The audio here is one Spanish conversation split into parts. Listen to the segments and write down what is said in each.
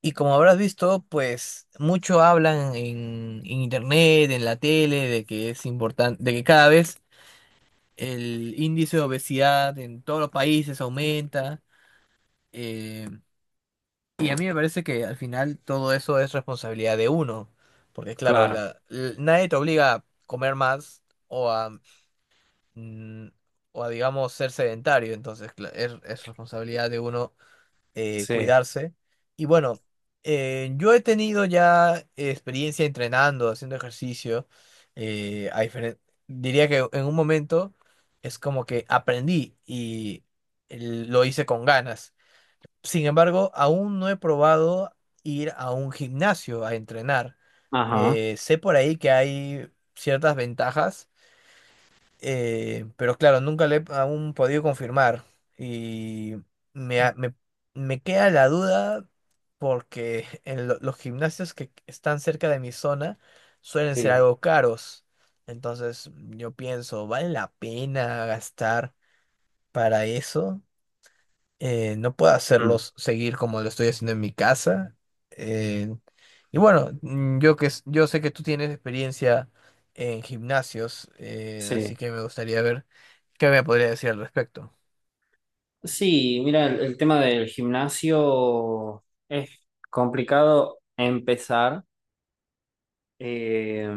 Y como habrás visto, pues mucho hablan en internet, en la tele, de que es importante, de que cada vez el índice de obesidad en todos los países aumenta. eh, y a mí me parece que al final todo eso es responsabilidad de uno, porque claro, Claro, nadie te obliga a comer más o a, mm, o a digamos, ser sedentario, entonces es responsabilidad de uno sí. cuidarse. Y bueno, yo he tenido ya experiencia entrenando, haciendo ejercicio. eh, a diferen- Diría que en un momento es como que aprendí y lo hice con ganas. Sin embargo, aún no he probado ir a un gimnasio a entrenar. Ajá. Sé por ahí que hay ciertas ventajas, pero claro, nunca le he aún podido confirmar. Y me, ha- me, me queda la duda porque en los gimnasios que están cerca de mi zona suelen ser Sí, algo caros. Entonces yo pienso, ¿vale la pena gastar para eso? No puedo mm, hacerlos seguir como lo estoy haciendo en mi casa. eh, y bueno, yo sé que tú tienes experiencia en gimnasios, así sí. que me gustaría ver qué me podría decir al respecto. Sí, mira, el tema del gimnasio es complicado empezar, eh,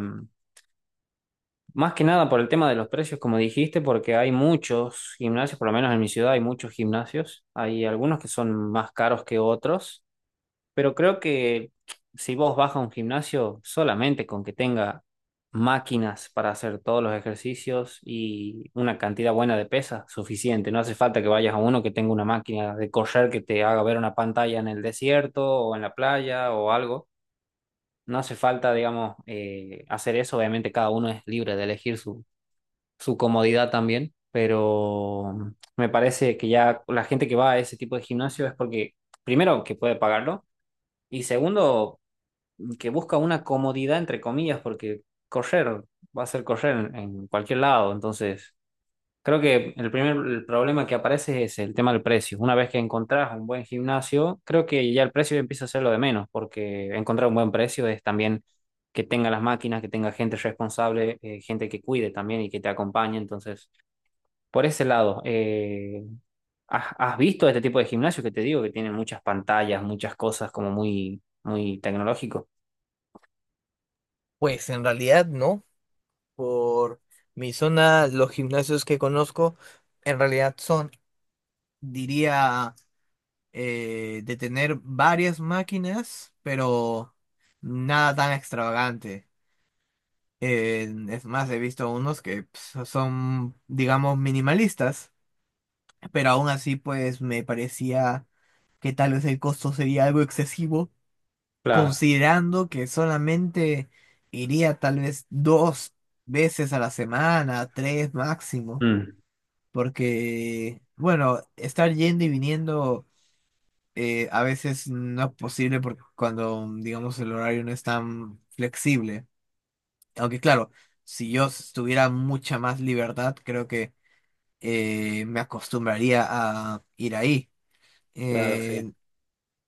más que nada por el tema de los precios, como dijiste, porque hay muchos gimnasios, por lo menos en mi ciudad hay muchos gimnasios, hay algunos que son más caros que otros. Pero creo que si vos vas a un gimnasio solamente con que tenga máquinas para hacer todos los ejercicios y una cantidad buena de pesas, suficiente. No hace falta que vayas a uno que tenga una máquina de correr que te haga ver una pantalla en el desierto o en la playa o algo. No hace falta, digamos, hacer eso. Obviamente cada uno es libre de elegir su, su comodidad también, pero me parece que ya la gente que va a ese tipo de gimnasio es porque, primero, que puede pagarlo. Y segundo, que busca una comodidad, entre comillas, porque correr va a ser correr en cualquier lado. Entonces, creo que el problema que aparece es ese, el tema del precio. Una vez que encontrás un buen gimnasio, creo que ya el precio empieza a ser lo de menos, porque encontrar un buen precio es también que tenga las máquinas, que tenga gente responsable, gente que cuide también y que te acompañe. Entonces, por ese lado, ¿has visto este tipo de gimnasios que te digo que tienen muchas pantallas, muchas cosas como muy, muy tecnológico? Pues en realidad no, por mi zona, los gimnasios que conozco en realidad son, diría, de tener varias máquinas, pero nada tan extravagante. Es más, he visto unos que son, digamos, minimalistas, pero aún así, pues me parecía que tal vez el costo sería algo excesivo, Claro. considerando que solamente iría tal vez dos veces a la semana, tres máximo, Mm. porque, bueno, estar yendo y viniendo, a veces no es posible porque cuando, digamos, el horario no es tan flexible. Aunque claro, si yo s- tuviera mucha más libertad, creo que me acostumbraría a ir ahí. Claro, sí. Eh,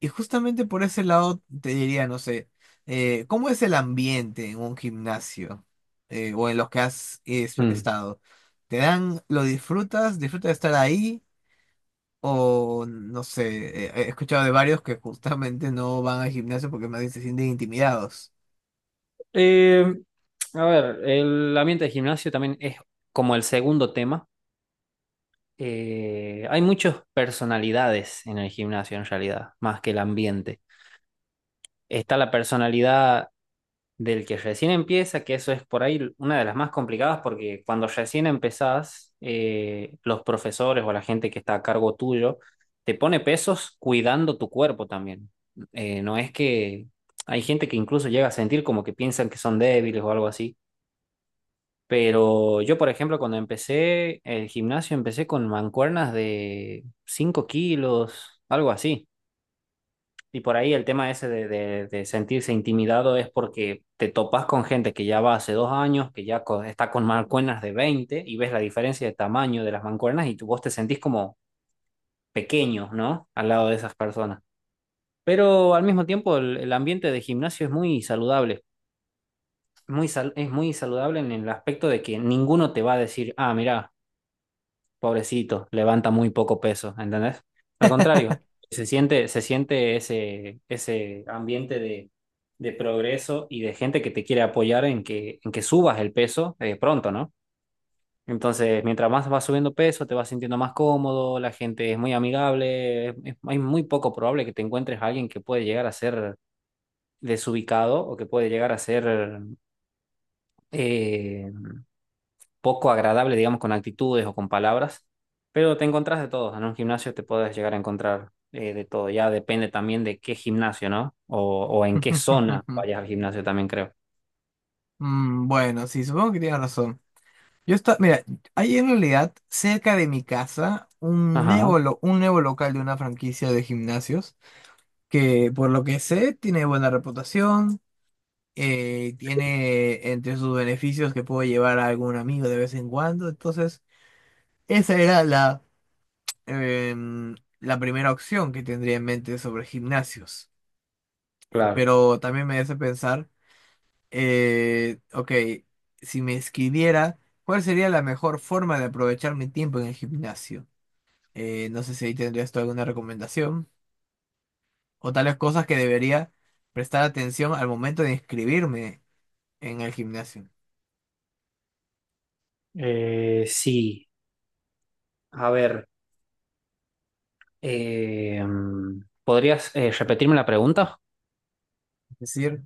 y justamente por ese lado te diría, no sé, ¿cómo es el ambiente en un gimnasio, o en los que Mm. estado? ¿Te dan, lo disfrutas, disfrutas de estar ahí? O no sé, he escuchado de varios que justamente no van al gimnasio porque más bien se sienten intimidados. Eh, a ver, el ambiente de gimnasio también es como el segundo tema. Hay muchas personalidades en el gimnasio en realidad, más que el ambiente. Está la personalidad del que recién empieza, que eso es por ahí una de las más complicadas porque cuando recién empezás, los profesores o la gente que está a cargo tuyo te pone pesos cuidando tu cuerpo también. No es que hay gente que incluso llega a sentir como que piensan que son débiles o algo así. Pero yo, por ejemplo, cuando empecé el gimnasio, empecé con mancuernas de 5 kilos, algo así. Y por ahí el tema ese de, sentirse intimidado es porque te topas con gente que ya va hace 2 años, que ya está con mancuernas de 20 y ves la diferencia de tamaño de las mancuernas y tú, vos te sentís como pequeño, ¿no? Al lado de esas personas. Pero al mismo tiempo el ambiente de gimnasio es muy saludable, es muy saludable en el aspecto de que ninguno te va a decir, ah, mira, pobrecito, levanta muy poco peso, ¿entendés? Al contrario, se siente ese, ambiente de progreso y de gente que te quiere apoyar en que subas el peso pronto, ¿no? Entonces, mientras más vas subiendo peso, te vas sintiendo más cómodo, la gente es muy amigable, hay muy poco probable que te encuentres a alguien que puede llegar a ser desubicado o que puede llegar a ser... eh, poco agradable, digamos, con actitudes o con palabras, pero te encontrás de todo. En un gimnasio te puedes llegar a encontrar de todo. Ya depende también de qué gimnasio, ¿no? O en qué zona vayas al gimnasio también, creo. Mm. Bueno, sí, supongo que tienes razón. Yo está, mira, hay en realidad cerca de mi casa un Ajá, nuevo, un nuevo local de una franquicia de gimnasios que por lo que sé tiene buena reputación, tiene entre sus beneficios que puedo llevar a algún amigo de vez en cuando, entonces esa era la primera opción que tendría en mente sobre gimnasios, claro. pero también me hace pensar, ok, si me escribiera, ¿cuál sería la mejor forma de aprovechar mi tiempo en el gimnasio? No sé si ahí tendrías tú alguna recomendación o tales cosas que debería prestar atención al momento de inscribirme en el gimnasio. Sí, a ver, ¿podrías repetirme la pregunta? Es decir,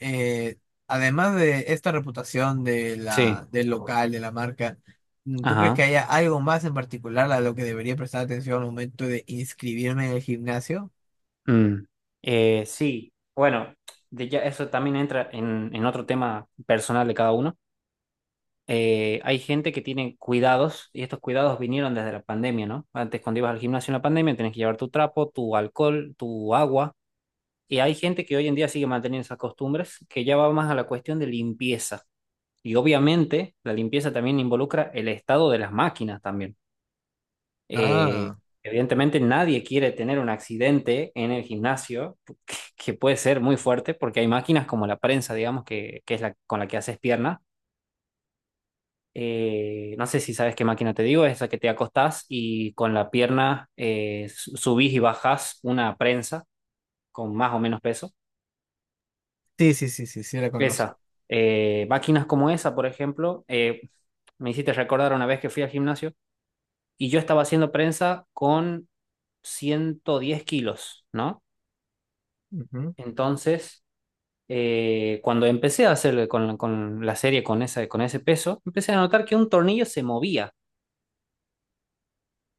eh, además de esta reputación de Sí. la, del local, de la marca, ¿tú crees que Ajá. haya algo más en particular a lo que debería prestar atención al momento de inscribirme en el gimnasio? Mm. Sí, bueno, de ya eso también entra en otro tema personal de cada uno. Hay gente que tiene cuidados y estos cuidados vinieron desde la pandemia, ¿no? Antes cuando ibas al gimnasio en la pandemia tenías que llevar tu trapo, tu alcohol, tu agua y hay gente que hoy en día sigue manteniendo esas costumbres que ya va más a la cuestión de limpieza y obviamente la limpieza también involucra el estado de las máquinas también. Eh, Ah, evidentemente nadie quiere tener un accidente en el gimnasio que puede ser muy fuerte porque hay máquinas como la prensa, digamos, que es la con la que haces piernas no sé si sabes qué máquina te digo, es esa que te acostás y con la pierna subís y bajás una prensa con más o menos peso. sí, sí, sí, sí, sí, la conozco. Esa. Máquinas como esa, por ejemplo, me hiciste recordar una vez que fui al gimnasio y yo estaba haciendo prensa con 110 kilos, ¿no? Ujú. Entonces, cuando empecé a hacer con la serie con, esa, con ese peso, empecé a notar que un tornillo se movía,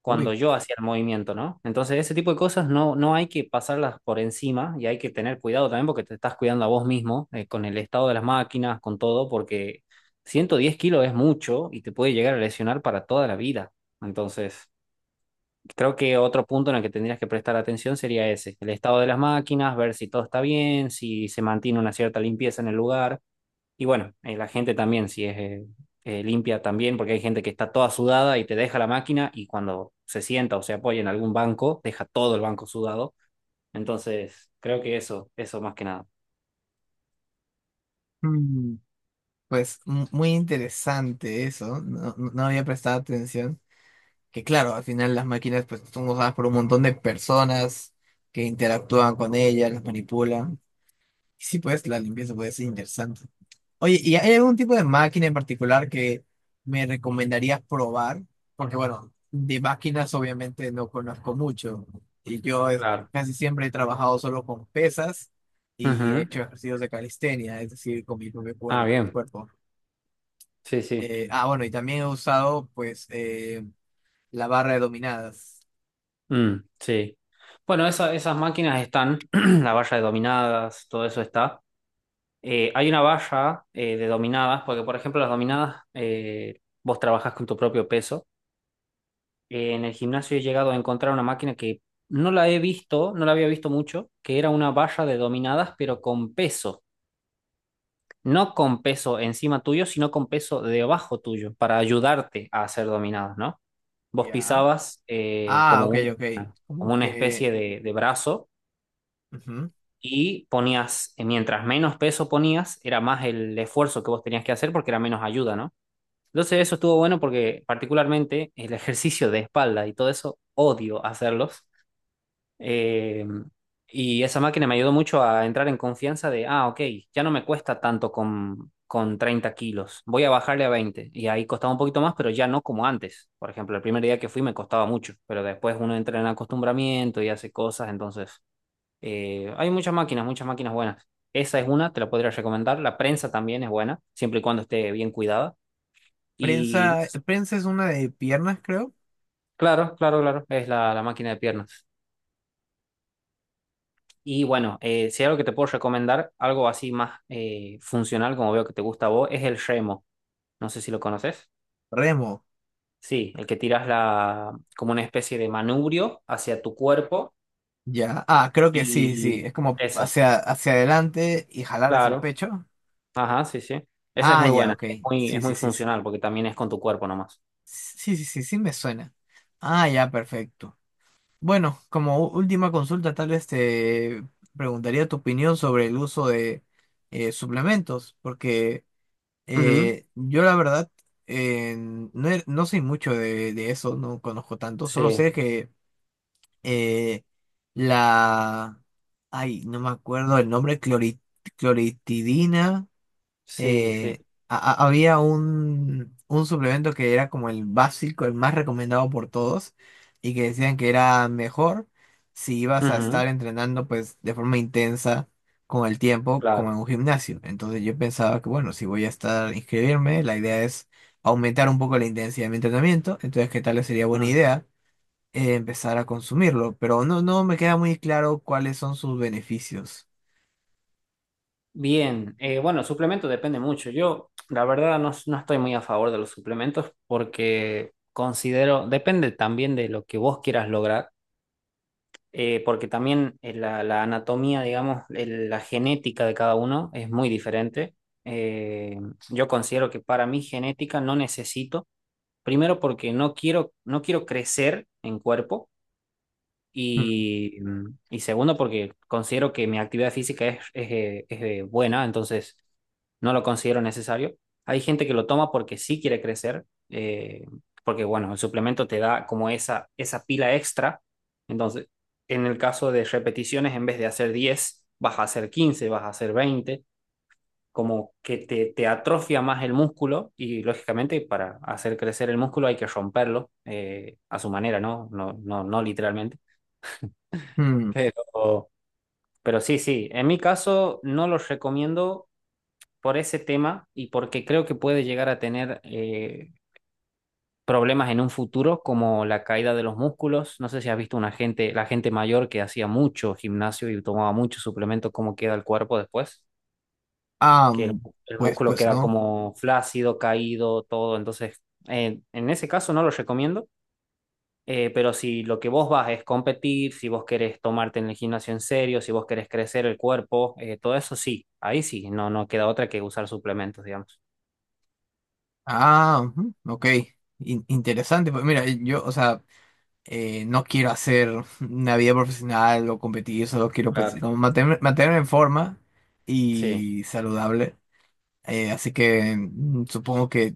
cuando Uy. yo hacía el movimiento, ¿no? Entonces, ese tipo de cosas no hay que pasarlas por encima y hay que tener cuidado también porque te estás cuidando a vos mismo con el estado de las máquinas, con todo, porque 110 kilos es mucho y te puede llegar a lesionar para toda la vida. Entonces, creo que otro punto en el que tendrías que prestar atención sería ese, el estado de las máquinas, ver si todo está bien, si se mantiene una cierta limpieza en el lugar. Y bueno, la gente también, si es limpia también, porque hay gente que está toda sudada y te deja la máquina y cuando se sienta o se apoya en algún banco, deja todo el banco sudado. Entonces, creo que eso, más que nada. Mm, pues muy interesante eso, no, no había prestado atención. Que claro, al final las máquinas pues son usadas por un montón de personas que interactúan con ellas, las manipulan. Y sí, pues la limpieza puede ser interesante. Oye, ¿y hay algún tipo de máquina en particular que me recomendarías probar? Porque bueno, de máquinas obviamente no conozco mucho y Claro. casi siempre he trabajado solo con pesas y he Ujú. hecho ejercicios de calistenia, es decir, con mi propio Ah, bien. cuerpo. Sí, sí. Bueno, y también he usado pues, la barra de dominadas. Mm, sí. Bueno, esas máquinas están, la valla de dominadas, todo eso está. Hay una valla de dominadas, porque por ejemplo las dominadas, vos trabajás con tu propio peso. En el gimnasio he llegado a encontrar una máquina que no la he visto, no la había visto mucho, que era una barra de dominadas, pero con peso. No con peso encima tuyo, sino con peso debajo tuyo, para ayudarte a hacer dominadas, ¿no? Vos Ya. pisabas Ah, como ok, una, ok. como Como una que... especie de brazo ujú. y ponías, mientras menos peso ponías, era más el esfuerzo que vos tenías que hacer porque era menos ayuda, ¿no? Entonces eso estuvo bueno porque particularmente el ejercicio de espalda y todo eso, odio hacerlos. Eh, y esa máquina me ayudó mucho a entrar en confianza de, ah, ok, ya no me cuesta tanto con 30 kilos, voy a bajarle a 20. Y ahí costaba un poquito más, pero ya no como antes. Por ejemplo, el primer día que fui me costaba mucho, pero después uno entra en acostumbramiento y hace cosas, entonces hay muchas máquinas buenas. Esa es una, te la podría recomendar. La prensa también es buena, siempre y cuando esté bien cuidada. Y no Prensa, sé, prensa es una de piernas, creo. claro, claro, claro, es la, máquina de piernas. Y bueno, si hay algo que te puedo recomendar, algo así más funcional, como veo que te gusta a vos, es el remo. No sé si lo conoces. Remo. Sí, el que tiras la, como una especie de manubrio hacia tu cuerpo Ya. Ah, creo que sí, sí. y Es como esa, hacia, hacia adelante y jalar es el claro. pecho. Ajá, sí, sí. Esa es Ah, muy ya, buena, ok. es muy, Sí, es sí, muy sí. Sí, funcional porque también es con tu cuerpo nomás. sí, sí, sí, sí me suena. Ah, ya, perfecto. Bueno, como última consulta, tal vez te preguntaría tu opinión sobre el uso de, suplementos, porque Ujú. Yo la verdad, no, no soy mucho de eso, no conozco tanto, solo Sí, sé que eh, la... Ay, no me acuerdo el nombre, cloritidina. sí, sí. eh, a- Había un suplemento que era como el básico, el más recomendado por todos, y que decían que era mejor si ibas a Ujú. estar entrenando pues de forma intensa con el tiempo, como Claro. en un gimnasio. Entonces yo pensaba que bueno, si voy a estar inscribirme, la idea es aumentar un poco la intensidad de mi entrenamiento, entonces qué tal sería buena idea, empezar a consumirlo, pero no, no me queda muy claro cuáles son sus beneficios. Bien, bueno, suplemento depende mucho. Yo, la verdad, no estoy muy a favor de los suplementos porque considero, depende también de lo que vos quieras lograr, porque también la anatomía, digamos, la genética de cada uno es muy diferente. Eh, yo considero que para mi genética no necesito, primero porque no quiero crecer en cuerpo. Mm. Y segundo, porque considero que mi actividad física es buena, entonces no lo considero necesario. Hay gente que lo toma porque sí quiere crecer, eh, porque bueno, el suplemento te da como esa, pila extra. Entonces, en el caso de repeticiones, en vez de hacer 10 vas a hacer 15 vas a hacer 20 como que te, atrofia más el músculo y lógicamente para hacer crecer el músculo hay que romperlo a su manera, ¿no? No, no, no literalmente, Mm. pero, pero sí, sí, en mi caso no los recomiendo por ese tema y porque creo que puede llegar a tener problemas en un futuro, como la caída de los músculos. No sé si has visto una gente, la gente mayor que hacía mucho gimnasio y tomaba mucho suplemento, cómo queda el cuerpo después, Ah, que el, mm, el pues, músculo pues queda no. como flácido, caído, todo. Entonces, En ese caso no los recomiendo. Pero si lo que vos vas es competir, si vos querés tomarte en el gimnasio en serio, si vos querés crecer el cuerpo, todo eso sí, ahí sí, no queda otra que usar suplementos, digamos. Ah, ujú, ok. Interesante. Pues mira, yo, o sea, no quiero hacer una vida profesional o competir, solo quiero pues, Claro. como mantenerme, mantenerme en forma Sí, y saludable. Así que supongo que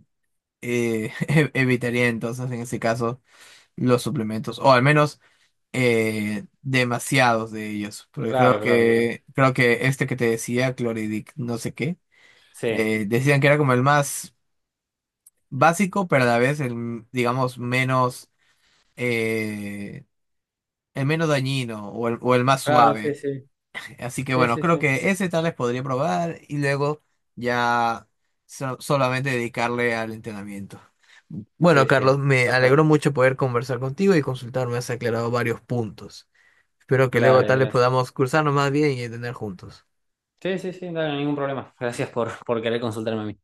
evitaría entonces en ese caso los suplementos, o al menos demasiados de ellos, porque claro, claro, claro. Creo que este que te decía, chloridic no sé qué, Sí, decían que era como el más básico, pero a la vez el, digamos, menos, eh, el menos dañino o el más claro, sí, suave. sí. Así que Sí, bueno, sí, creo sí. que ese tal vez podría probar y luego ya solamente dedicarle al entrenamiento. Bueno, Sí, sí. Carlos, me Pasar. alegró mucho poder conversar contigo y consultar, me has aclarado varios puntos. Espero que luego Dale. Dale, tal vez gracias. podamos cruzarnos más bien y entender juntos. Sí, sí, sí, dale, ningún problema. Gracias por querer consultarme a mí.